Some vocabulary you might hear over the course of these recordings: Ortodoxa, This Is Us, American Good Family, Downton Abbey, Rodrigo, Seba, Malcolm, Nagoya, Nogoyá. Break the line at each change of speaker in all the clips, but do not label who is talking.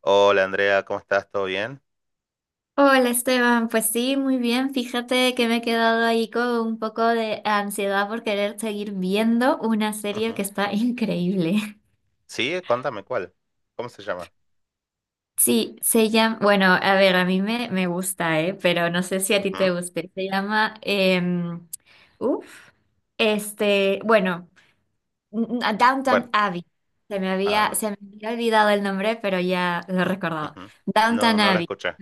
Hola Andrea, ¿cómo estás? ¿Todo bien?
Hola Esteban, pues sí, muy bien. Fíjate que me he quedado ahí con un poco de ansiedad por querer seguir viendo una serie
Ujú.
que está increíble.
Sí, contame cuál. ¿Cómo se llama?
Sí, se llama, bueno, a ver, a mí me gusta, ¿eh? Pero no sé si a ti
Ujú.
te guste. Se llama, uf, bueno, a
Bueno,
Downton Abbey. Se me había,
ah,
se me había olvidado el nombre, pero ya lo he recordado.
ujú. No,
Downton
no la
Abbey.
escuché.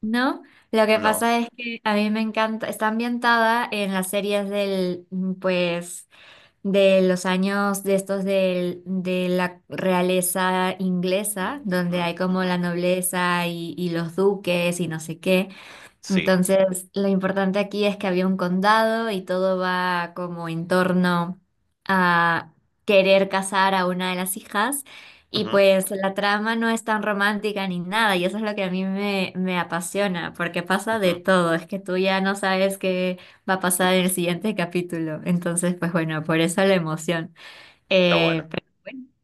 ¿No? Lo que
No.
pasa es que a mí me encanta, está ambientada en las series del de los años de estos de la realeza inglesa,
Ujú,
donde hay como la
ujú.
nobleza y los duques y no sé qué.
Sí.
Entonces, lo importante aquí es que había un condado y todo va como en torno a querer casar a una de las hijas. Y
Ujú,
pues la trama no es tan romántica ni nada, y eso es lo que a mí me apasiona, porque pasa de
ujú,
todo, es que tú ya no sabes qué va a pasar
ujú.
en el siguiente capítulo. Entonces, pues bueno, por eso la emoción.
Está
Eh,
bueno.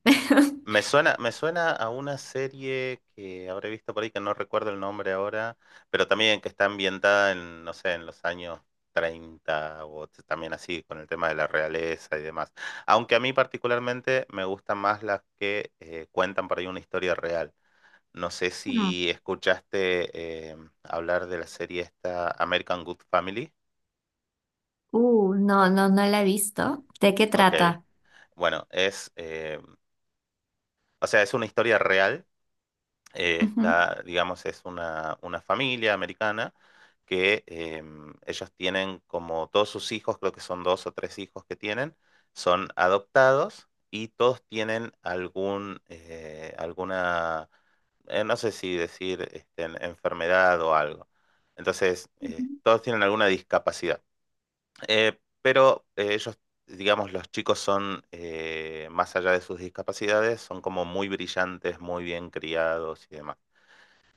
Me suena a una serie que habré visto por ahí, que no recuerdo el nombre ahora, pero también que está ambientada en, no sé, en los años 30 también así, con el tema de la realeza y demás. Aunque a mí particularmente me gustan más las que cuentan por ahí una historia real. No sé
Mm.
si escuchaste hablar de la serie esta American Good Family.
No, no, no la he visto. ¿De qué
Ok.
trata?
Bueno, o sea, es una historia real
Ujú.
está, digamos, es una familia americana que ellos tienen como todos sus hijos, creo que son dos o tres hijos que tienen, son adoptados y todos tienen alguna, no sé si decir enfermedad o algo. Entonces, todos tienen alguna discapacidad. Pero ellos, digamos, los chicos son, más allá de sus discapacidades, son como muy brillantes, muy bien criados y demás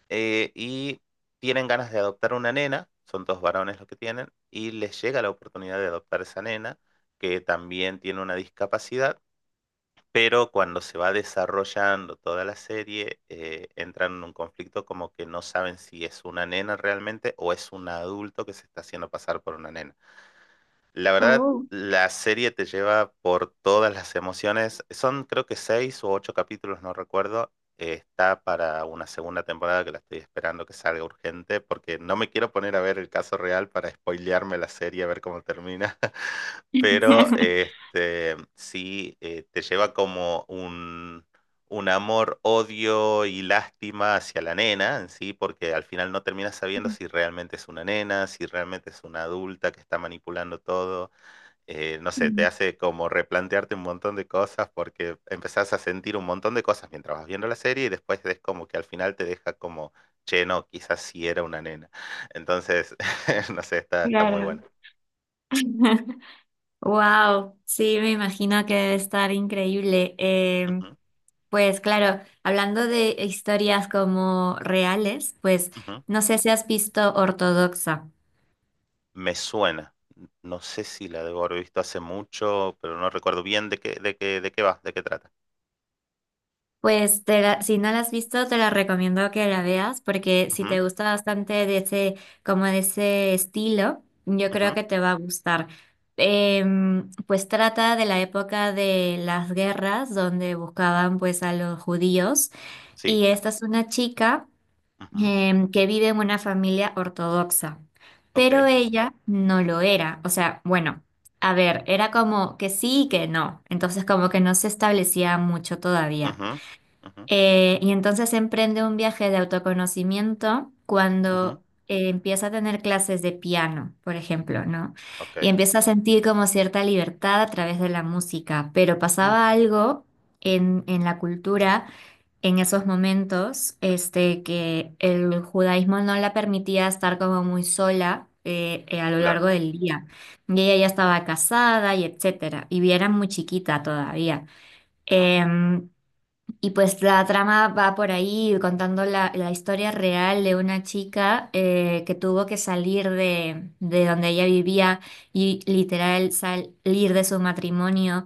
y tienen ganas de adoptar una nena, son dos varones los que tienen, y les llega la oportunidad de adoptar esa nena, que también tiene una discapacidad, pero cuando se va desarrollando toda la serie, entran en un conflicto como que no saben si es una nena realmente o es un adulto que se está haciendo pasar por una nena. La verdad,
Oh.
la serie te lleva por todas las emociones. Son creo que seis o ocho capítulos, no recuerdo. Está para una segunda temporada que la estoy esperando que salga urgente porque no me quiero poner a ver el caso real para spoilearme la serie, a ver cómo termina. Pero sí, te lleva como un amor, odio y lástima hacia la nena en sí, porque al final no terminas sabiendo si realmente es una nena, si realmente es una adulta que está manipulando todo no sé, te
Mm.
hace como replantearte un montón de cosas porque empezás a sentir un montón de cosas mientras vas viendo la serie y después es como que al final te deja como, che, no, quizás sí era una nena. Entonces, no sé, está, está muy
Claro.
buena.
Wow, sí, me imagino que debe estar increíble.
Ujú,
Pues claro, hablando de historias como reales, pues
ujú.
no sé si has visto Ortodoxa.
Me suena. No sé si la debo haber visto hace mucho, pero no recuerdo bien de qué va, de qué trata.
Pues si no la has visto, te la recomiendo que la veas porque si
Ujú,
te gusta bastante de ese, como de ese estilo, yo
ujú.
creo que te va a gustar. Pues trata de la época de las guerras donde buscaban pues a los judíos.
Sí.
Y esta es una chica
Ujú.
que vive en una familia ortodoxa, pero
Ok.
ella no lo era. O sea, bueno, a ver, era como que sí y que no. Entonces como que no se establecía mucho todavía.
Ujú, ujú,
Y entonces emprende un viaje de autoconocimiento
ujú.
cuando empieza a tener clases de piano, por ejemplo, ¿no? Y
Ok.
empieza a sentir como cierta libertad a través de la música, pero pasaba
Ujú.
algo en la cultura en esos momentos, este, que el judaísmo no la permitía estar como muy sola, a lo largo
Claro.
del día. Y ella ya estaba casada y etcétera, y era muy chiquita todavía. Em, y pues la trama va por ahí contando la historia real de una chica que tuvo que salir de donde ella vivía y literal salir de su matrimonio,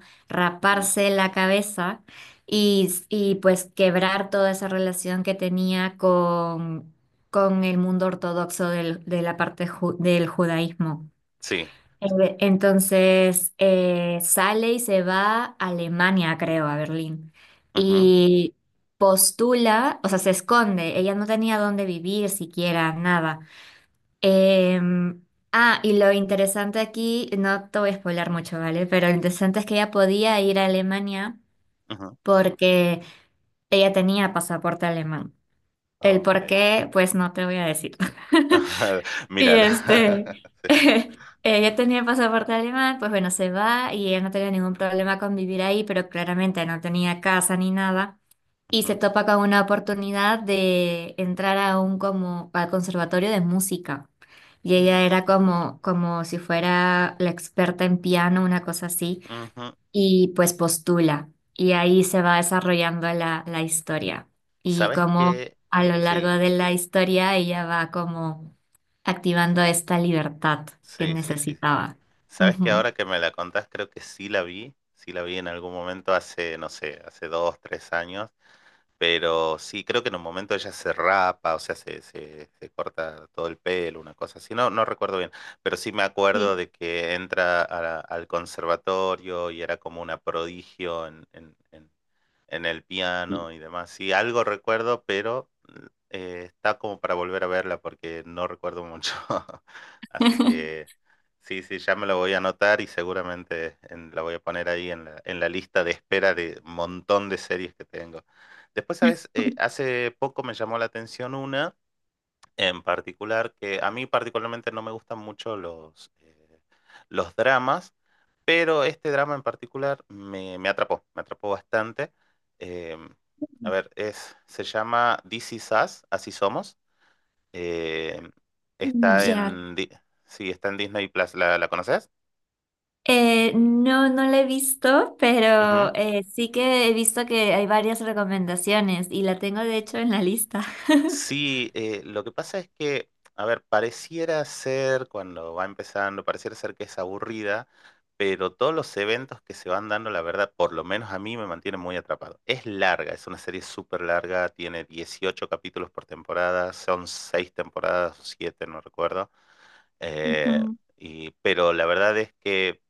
Ujú.
raparse la cabeza y pues quebrar toda esa relación que tenía con el mundo ortodoxo de la parte del judaísmo.
Sí.
Entonces, sale y se va a Alemania, creo, a Berlín.
Ujú,
Y postula, o sea, se esconde. Ella no tenía dónde vivir siquiera, nada. Em, y lo interesante aquí, no te voy a spoiler mucho, ¿vale? Pero lo interesante es que ella podía ir a Alemania
ujú.
porque ella tenía pasaporte alemán. El por
Okay.
qué, pues no te voy a decir. Y
Mírala.
este, ella tenía pasaporte alemán, pues bueno, se va y ella no tenía ningún problema con vivir ahí, pero claramente no tenía casa ni nada. Y se
Ujú.
topa con una oportunidad de entrar a un como al conservatorio de música. Y ella
Mm.
era
Ujú,
como, como si fuera la experta en piano, una cosa así,
ujú.
y pues postula. Y ahí se va desarrollando la historia. Y
¿Sabes
como
qué?
a lo largo
Sí,
de la historia ella va como activando esta libertad que
sí, sí, sí.
necesitaba.
¿Sabes que
Ujú.
ahora que me la contás, creo que sí la vi? Sí la vi en algún momento hace, no sé, hace 2, 3 años. Pero sí, creo que en un momento ella se rapa, o sea, se corta todo el pelo, una cosa así. No, no recuerdo bien, pero sí me acuerdo
Sí,
de que entra a al conservatorio y era como una prodigio en, en el
sí.
piano y demás. Sí, algo recuerdo, pero está como para volver a verla porque no recuerdo mucho. Así que sí, sí, ya me lo voy a anotar y seguramente la voy a poner ahí en en la lista de espera de un montón de series que tengo. Después, ¿sabes? Hace poco me llamó la atención una en particular que a mí particularmente no me gustan mucho los dramas, pero este drama en particular me atrapó, me atrapó bastante. Eh, a ver, se llama This Is Us, Así Somos. Eh, está
Ya.
en, Di- sí, está en Disney Plus. La conoces?
No, no la he visto,
Ujú.
pero sí que he visto que hay varias recomendaciones y la tengo de hecho en la lista.
Sí, lo que pasa es que, a ver, pareciera ser, cuando va empezando, pareciera ser que es aburrida, pero todos los eventos que se van dando, la verdad, por lo menos a mí me mantiene muy atrapado. Es larga, es una serie súper larga, tiene 18 capítulos por temporada, son 6 temporadas o siete, no recuerdo. eh,
Ujú.
pero la verdad es que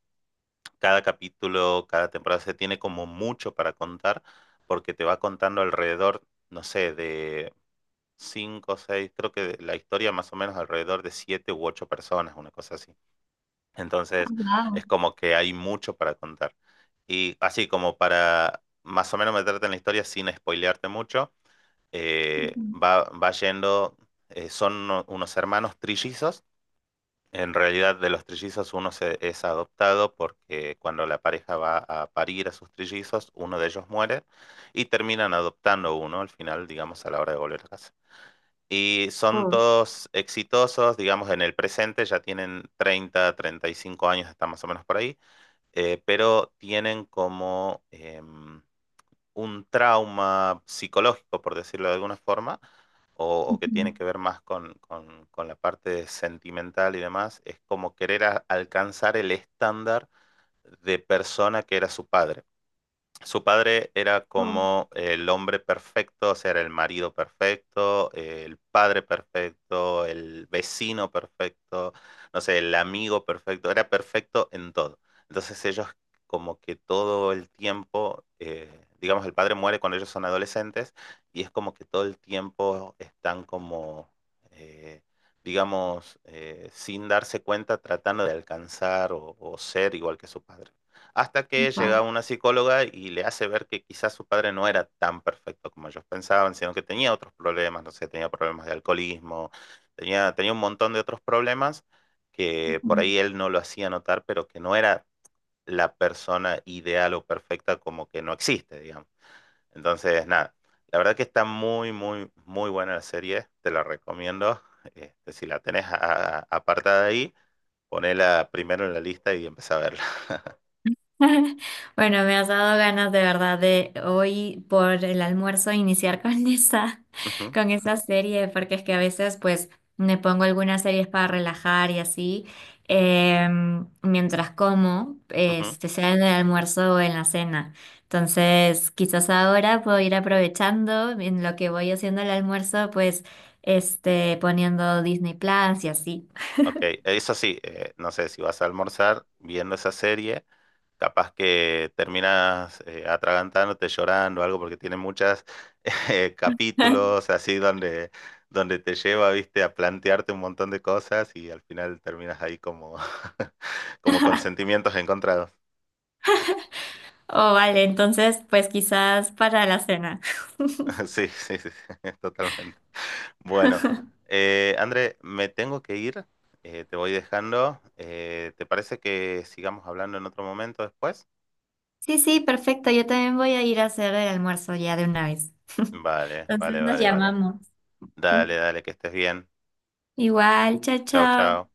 cada capítulo, cada temporada se tiene como mucho para contar, porque te va contando alrededor. No sé, de cinco, seis, creo que la historia más o menos alrededor de siete u ocho personas, una cosa así.
Ah,
Entonces,
wow.
es como que hay mucho para contar. Y así como para más o menos meterte en la historia sin spoilearte mucho,
Ujú.
va yendo, son unos hermanos trillizos. En realidad, de los trillizos uno es adoptado porque cuando la pareja va a parir a sus trillizos, uno de ellos muere y terminan adoptando uno al final, digamos, a la hora de volver a casa. Y son
Oh,
todos exitosos, digamos, en el presente, ya tienen 35 años, están más o menos por ahí, pero tienen como un trauma psicológico, por decirlo de alguna forma, o que
ujú.
tiene que ver más con la parte sentimental y demás, es como querer alcanzar el estándar de persona que era su padre. Su padre era
Oh,
como el hombre perfecto, o sea, era el marido perfecto, el padre perfecto, el vecino perfecto, no sé, el amigo perfecto, era perfecto en todo. Entonces ellos como que todo el tiempo, digamos, el padre muere cuando ellos son adolescentes y es como que todo el tiempo están como, eh, digamos, sin darse cuenta, tratando de alcanzar o ser igual que su padre. Hasta que llega
wow.
una psicóloga y le hace ver que quizás su padre no era tan perfecto como ellos pensaban, sino que tenía otros problemas, no sé, tenía problemas de alcoholismo, tenía un montón de otros problemas que
Ujú.
por ahí él no lo hacía notar, pero que no era la persona ideal o perfecta, como que no existe, digamos. Entonces, nada, la verdad que está muy, muy, muy buena la serie, te la recomiendo. Si la tenés apartada ahí, ponela primero en la lista y empezá a verla.
Bueno, me has dado ganas de verdad de hoy por el almuerzo iniciar con esa,
Ujú,
con esa serie, porque es que a veces pues me pongo algunas series para relajar y así, mientras como,
ujú.
este, sea en el almuerzo o en la cena. Entonces, quizás ahora puedo ir aprovechando en lo que voy haciendo el almuerzo, pues este, poniendo Disney Plus y así.
Ok, eso sí, no sé si vas a almorzar viendo esa serie, capaz que terminas atragantándote, llorando, algo, porque tiene muchos capítulos así donde, donde te lleva, viste, a plantearte un montón de cosas y al final terminas ahí como, como con sentimientos encontrados.
Oh, vale, entonces pues quizás para la cena.
Sí, sí, sí, sí, totalmente. Bueno, André, me tengo que ir, te voy dejando. ¿Te parece que sigamos hablando en otro momento después?
Sí, sí, perfecto. Yo también voy a ir a hacer el almuerzo ya de una vez.
Vale,
Entonces
vale,
nos
vale, vale.
llamamos.
Dale, dale, que estés bien.
Igual, chao,
Chao,
chao.
chao.